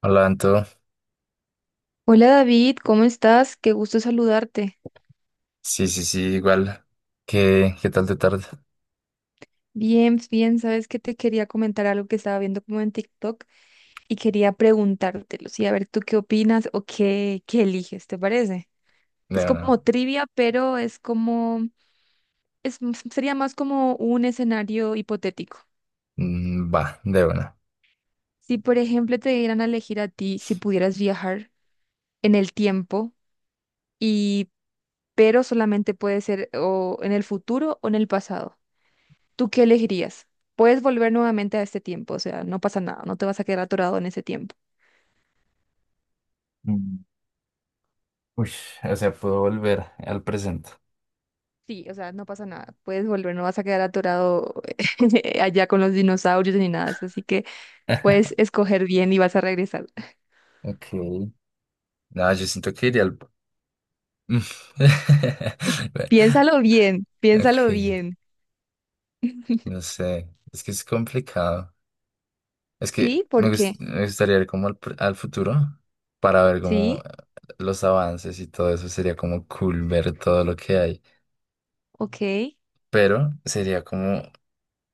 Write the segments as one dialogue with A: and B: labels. A: Hola, Anto.
B: Hola David, ¿cómo estás? Qué gusto saludarte.
A: Sí, sí, sí, igual. ¿Qué tal te tarde?
B: Bien, bien, sabes que te quería comentar algo que estaba viendo como en TikTok y quería preguntártelo, sí, a ver tú qué opinas o qué eliges, ¿te parece?
A: De
B: Es
A: una.
B: como trivia, es, sería más como un escenario hipotético.
A: Va, de una.
B: Si, por ejemplo, te dieran a elegir a ti si pudieras viajar en el tiempo y, pero solamente puede ser o en el futuro o en el pasado. ¿Tú qué elegirías? Puedes volver nuevamente a este tiempo, o sea, no pasa nada, no te vas a quedar atorado en ese tiempo.
A: Mm, Uy, o sea, puedo volver al presente.
B: Sí, o sea, no pasa nada, puedes volver, no vas a quedar atorado allá con los dinosaurios ni nada, de eso, así que puedes escoger bien y vas a regresar.
A: Ok. No, yo siento que iría al... Mm. Bueno,
B: Piénsalo bien,
A: Ok,
B: piénsalo bien.
A: no sé. Es que es complicado. Es que
B: Sí, ¿por qué?
A: me gustaría ir como al futuro para ver como
B: Sí,
A: los avances y todo eso. Sería como cool ver todo lo que hay.
B: ok,
A: Pero sería como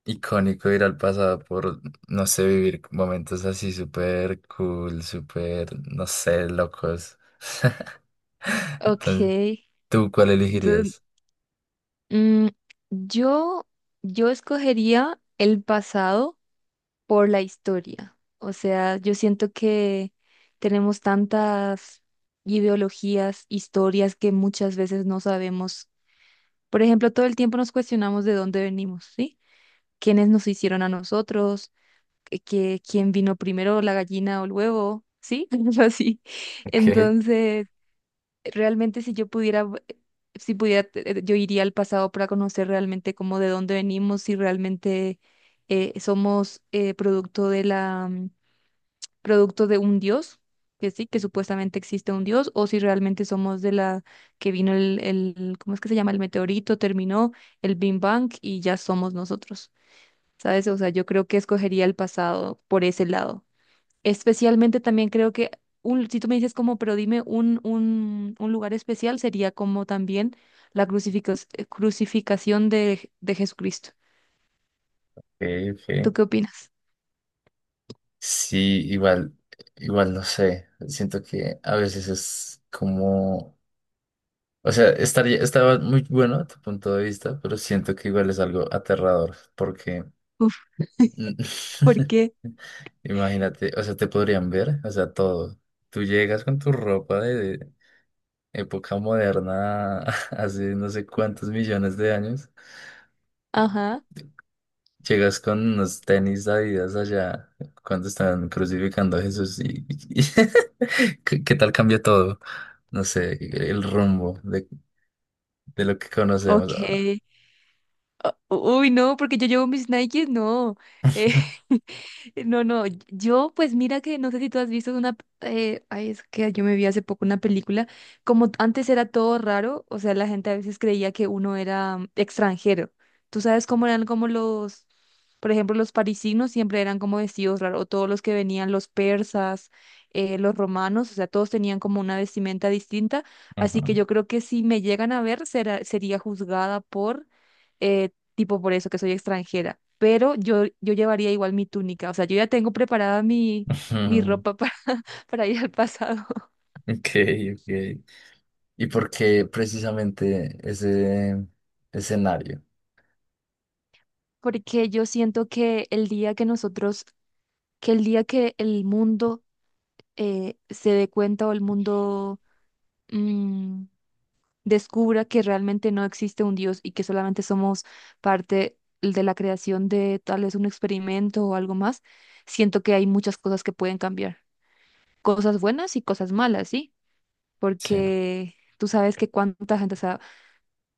A: icónico ir al pasado por, no sé, vivir momentos así súper cool, súper, no sé, locos. Entonces,
B: ok.
A: ¿tú cuál
B: Entonces,
A: elegirías?
B: mm, yo, yo escogería el pasado por la historia. O sea, yo siento que tenemos tantas ideologías, historias que muchas veces no sabemos. Por ejemplo, todo el tiempo nos cuestionamos de dónde venimos, ¿sí? ¿Quiénes nos hicieron a nosotros? Quién vino primero, la gallina o el huevo? ¿Sí? Algo así.
A: Ok,
B: Entonces, realmente si yo pudiera... v- Si pudiera, yo iría al pasado para conocer realmente cómo de dónde venimos, si realmente somos producto de un dios, que sí, que supuestamente existe un dios, o si realmente somos de la que vino ¿cómo es que se llama? El meteorito, terminó el Big Bang y ya somos nosotros, ¿sabes? O sea, yo creo que escogería el pasado por ese lado. Especialmente también creo que, si tú me dices como, pero dime un lugar especial, sería como también la crucificación de Jesucristo.
A: ok,
B: ¿Tú
A: ok.
B: qué opinas?
A: Sí, igual, igual no sé. Siento que a veces es como, o sea, estaría, estaba muy bueno a tu punto de vista, pero siento que igual es algo aterrador, porque
B: Uf,
A: Mm,
B: ¿por qué?
A: imagínate, o sea, te podrían ver, o sea, todo. Tú llegas con tu ropa de época moderna, hace no sé cuántos millones de años.
B: Ajá,
A: Llegas con unos tenis Adidas allá cuando están crucificando a Jesús ¿qué tal cambia todo? No sé, el rumbo de lo que conocemos ahora.
B: ok. Ah, uy, no, porque yo llevo mis Nikes, no. Eh, no, no, yo pues mira que no sé si tú has visto ay, es que yo me vi hace poco una película, como antes era todo raro, o sea, la gente a veces creía que uno era extranjero. Tú sabes cómo eran como los, por ejemplo, los parisinos siempre eran como vestidos raros, o todos los que venían, los persas, los romanos, o sea, todos tenían como una vestimenta distinta,
A: Ajá.
B: así que yo creo que si me llegan a ver, sería juzgada por... eh, tipo por eso que soy extranjera, pero yo llevaría igual mi túnica, o sea, yo ya tengo preparada mi
A: Ujú.
B: ropa para, para ir al pasado,
A: Ok, ok. ¿Y por qué precisamente ese escenario?
B: porque yo siento que el día que nosotros, que el día que el mundo se dé cuenta o el mundo mm, descubra que realmente no existe un Dios y que solamente somos parte de la creación de tal vez un experimento o algo más, siento que hay muchas cosas que pueden cambiar, cosas buenas y cosas malas, ¿sí?
A: Sí.
B: Porque tú sabes que cuánta gente, o sea,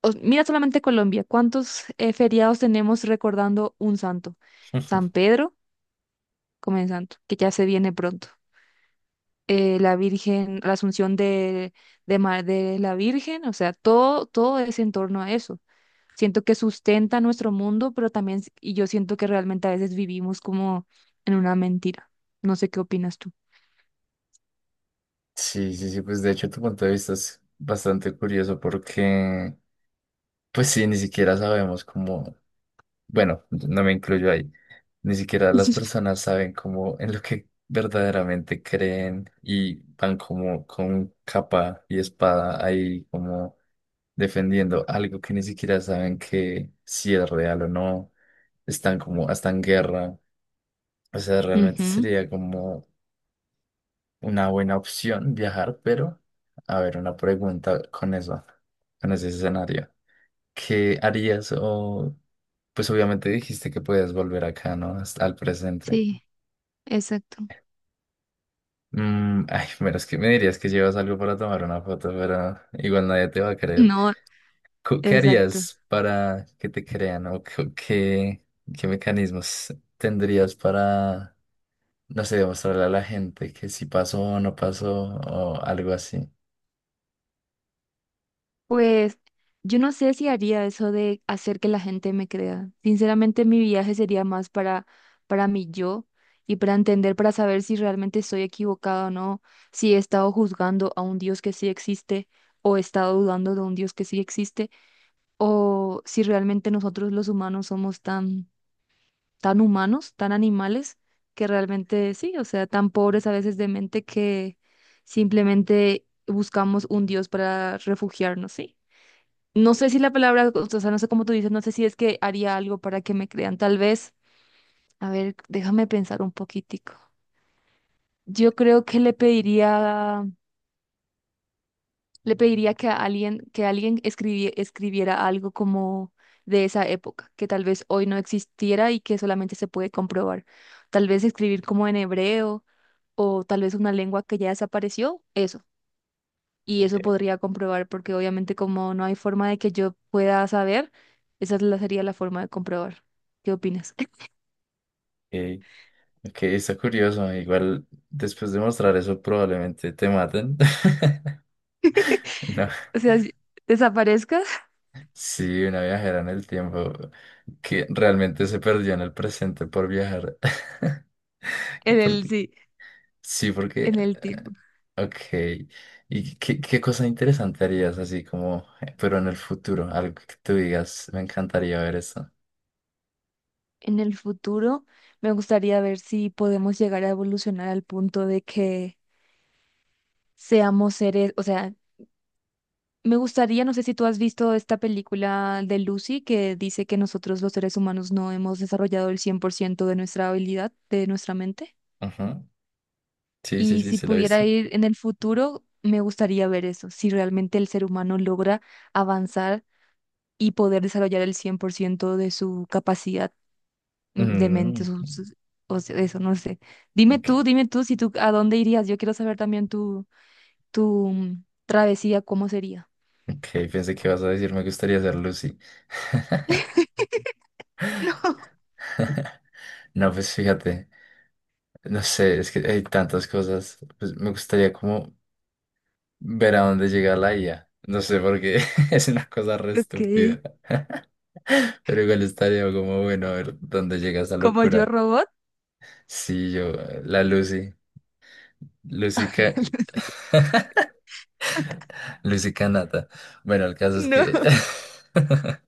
B: mira solamente Colombia, cuántos feriados tenemos recordando un santo. San Pedro, como en santo, que ya se viene pronto. La Virgen, la Asunción de la Virgen, o sea, todo es en torno a eso. Siento que sustenta nuestro mundo, y yo siento que realmente a veces vivimos como en una mentira. No sé qué opinas tú.
A: Sí, sí, sí, pues de hecho tu punto de vista es bastante curioso porque, pues sí, ni siquiera sabemos cómo, bueno, no me incluyo ahí, ni siquiera las personas saben cómo en lo que verdaderamente creen y van como con capa y espada ahí como defendiendo algo que ni siquiera saben que si es real o no, están como hasta en guerra, o sea, realmente
B: Ujú,
A: sería como una buena opción viajar, pero a ver, una pregunta con eso, con ese escenario. ¿Qué harías? O, pues obviamente dijiste que puedes volver acá, ¿no? Al presente.
B: sí, exacto.
A: Ay, pero es que me dirías que llevas algo para tomar una foto, pero igual nadie te va a creer.
B: No,
A: ¿Qué
B: exacto.
A: harías para que te crean? ¿O qué mecanismos tendrías para, no sé, demostrarle a la gente que sí pasó o no pasó o algo así?
B: Pues yo no sé si haría eso de hacer que la gente me crea. Sinceramente, mi viaje sería más para mi yo y para entender, para saber si realmente estoy equivocado o no, si he estado juzgando a un Dios que sí existe o he estado dudando de un Dios que sí existe o si realmente nosotros los humanos somos tan, tan humanos, tan animales, que realmente sí, o sea, tan pobres a veces de mente que simplemente buscamos un Dios para refugiarnos, ¿sí? No sé si la palabra, o sea, no sé cómo tú dices, no sé si es que haría algo para que me crean, tal vez. A ver, déjame pensar un poquitico. Yo creo que le pediría que que alguien escribiera algo como de esa época, que tal vez hoy no existiera y que solamente se puede comprobar. Tal vez escribir como en hebreo o tal vez una lengua que ya desapareció, eso. Y eso podría comprobar porque obviamente como no hay forma de que yo pueda saber, sería la forma de comprobar. ¿Qué opinas?
A: Ok, está curioso. Igual después de mostrar eso probablemente te maten. No.
B: O sea, desaparezcas
A: Sí, una viajera en el tiempo que realmente se perdió en el presente por viajar.
B: en el
A: Porque,
B: sí,
A: sí, porque...
B: en el
A: eh,
B: tiempo.
A: ok. ¿Y qué cosa interesante harías así como, pero en el futuro? Algo que tú digas, me encantaría ver eso.
B: En el futuro, me gustaría ver si podemos llegar a evolucionar al punto de que seamos seres, o sea, me gustaría, no sé si tú has visto esta película de Lucy que dice que nosotros los seres humanos no hemos desarrollado el 100% de nuestra habilidad, de nuestra mente.
A: Ajá. Sí, sí,
B: Y
A: sí,
B: si
A: se lo he
B: pudiera
A: visto.
B: ir en el futuro, me gustaría ver eso, si realmente el ser humano logra avanzar y poder desarrollar el 100% de su capacidad de mente,
A: Mm,
B: o sea, eso, no sé.
A: ok,
B: Dime tú, si tú, ¿a dónde irías? Yo quiero saber también tu travesía, ¿cómo sería?
A: ok, pensé que ibas a decir, me gustaría ser Lucy. No, pues fíjate, no sé, es que hay tantas cosas. Pues me gustaría como ver a dónde llega la IA. No sé por qué, es una cosa re
B: Ok,
A: estúpida. Pero igual estaría como bueno a ver dónde llega esa
B: ¿como yo
A: locura.
B: robot?
A: Sí, yo, la Lucy, Ca- Lucy Canata. Bueno, el caso es
B: No.
A: que,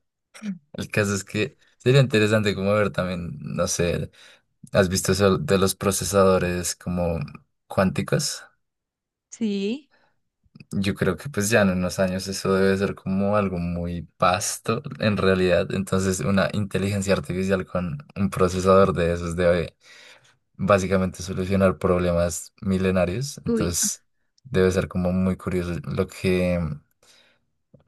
A: el caso es que sería interesante como ver también, no sé, ¿has visto eso de los procesadores como cuánticos?
B: Sí.
A: Yo creo que pues ya en unos años eso debe ser como algo muy vasto en realidad. Entonces una inteligencia artificial con un procesador de esos debe básicamente solucionar problemas milenarios.
B: Uy,
A: Entonces debe ser como muy curioso lo que,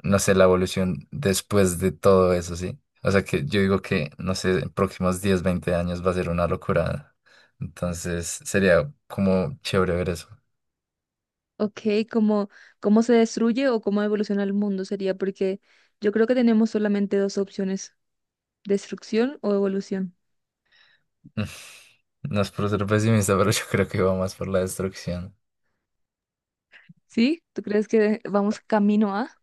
A: no sé, la evolución después de todo eso, ¿sí? O sea que yo digo que, no sé, en próximos 10 20 años va a ser una locura. Entonces sería como chévere ver eso.
B: ok, ¿cómo, cómo se destruye o cómo evoluciona el mundo sería? Porque yo creo que tenemos solamente dos opciones destrucción o evolución.
A: No es por ser pesimista, pero yo creo que va más por la destrucción.
B: ¿Sí? ¿Tú crees que vamos camino a?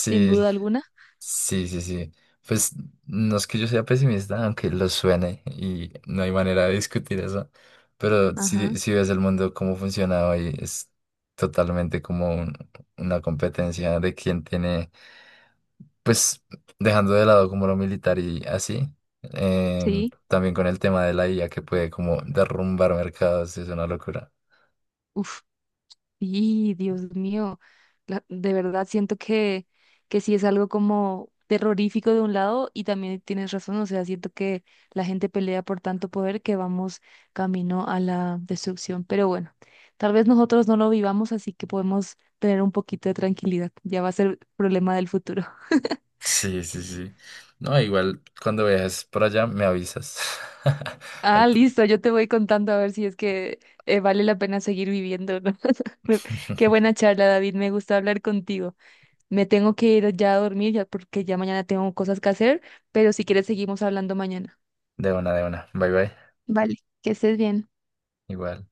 B: Sin duda alguna.
A: sí, sí, sí. Pues no es que yo sea pesimista, aunque lo suene y no hay manera de discutir eso, pero si,
B: Ajá.
A: si ves el mundo cómo funciona hoy, es totalmente como una competencia de quién tiene, pues dejando de lado como lo militar y así, em,
B: Sí.
A: también con el tema de la IA que puede como derrumbar mercados, es una locura.
B: Uf. Y Dios mío. De verdad siento que sí es algo como terrorífico de un lado y también tienes razón. O sea, siento que la gente pelea por tanto poder que vamos camino a la destrucción. Pero bueno, tal vez nosotros no lo vivamos, así que podemos tener un poquito de tranquilidad. Ya va a ser problema del futuro.
A: Sí, sí, sí. No, igual cuando viajes por allá me avisas.
B: Ah,
A: Al-
B: listo, yo te voy contando a ver si es que vale la pena seguir viviendo, ¿no? Me- Qué buena charla, David, me gusta hablar contigo. Me tengo que ir ya a dormir ya porque ya mañana tengo cosas que hacer, pero si quieres seguimos hablando mañana.
A: De una, de una. Bye bye.
B: Vale, que estés bien.
A: Igual.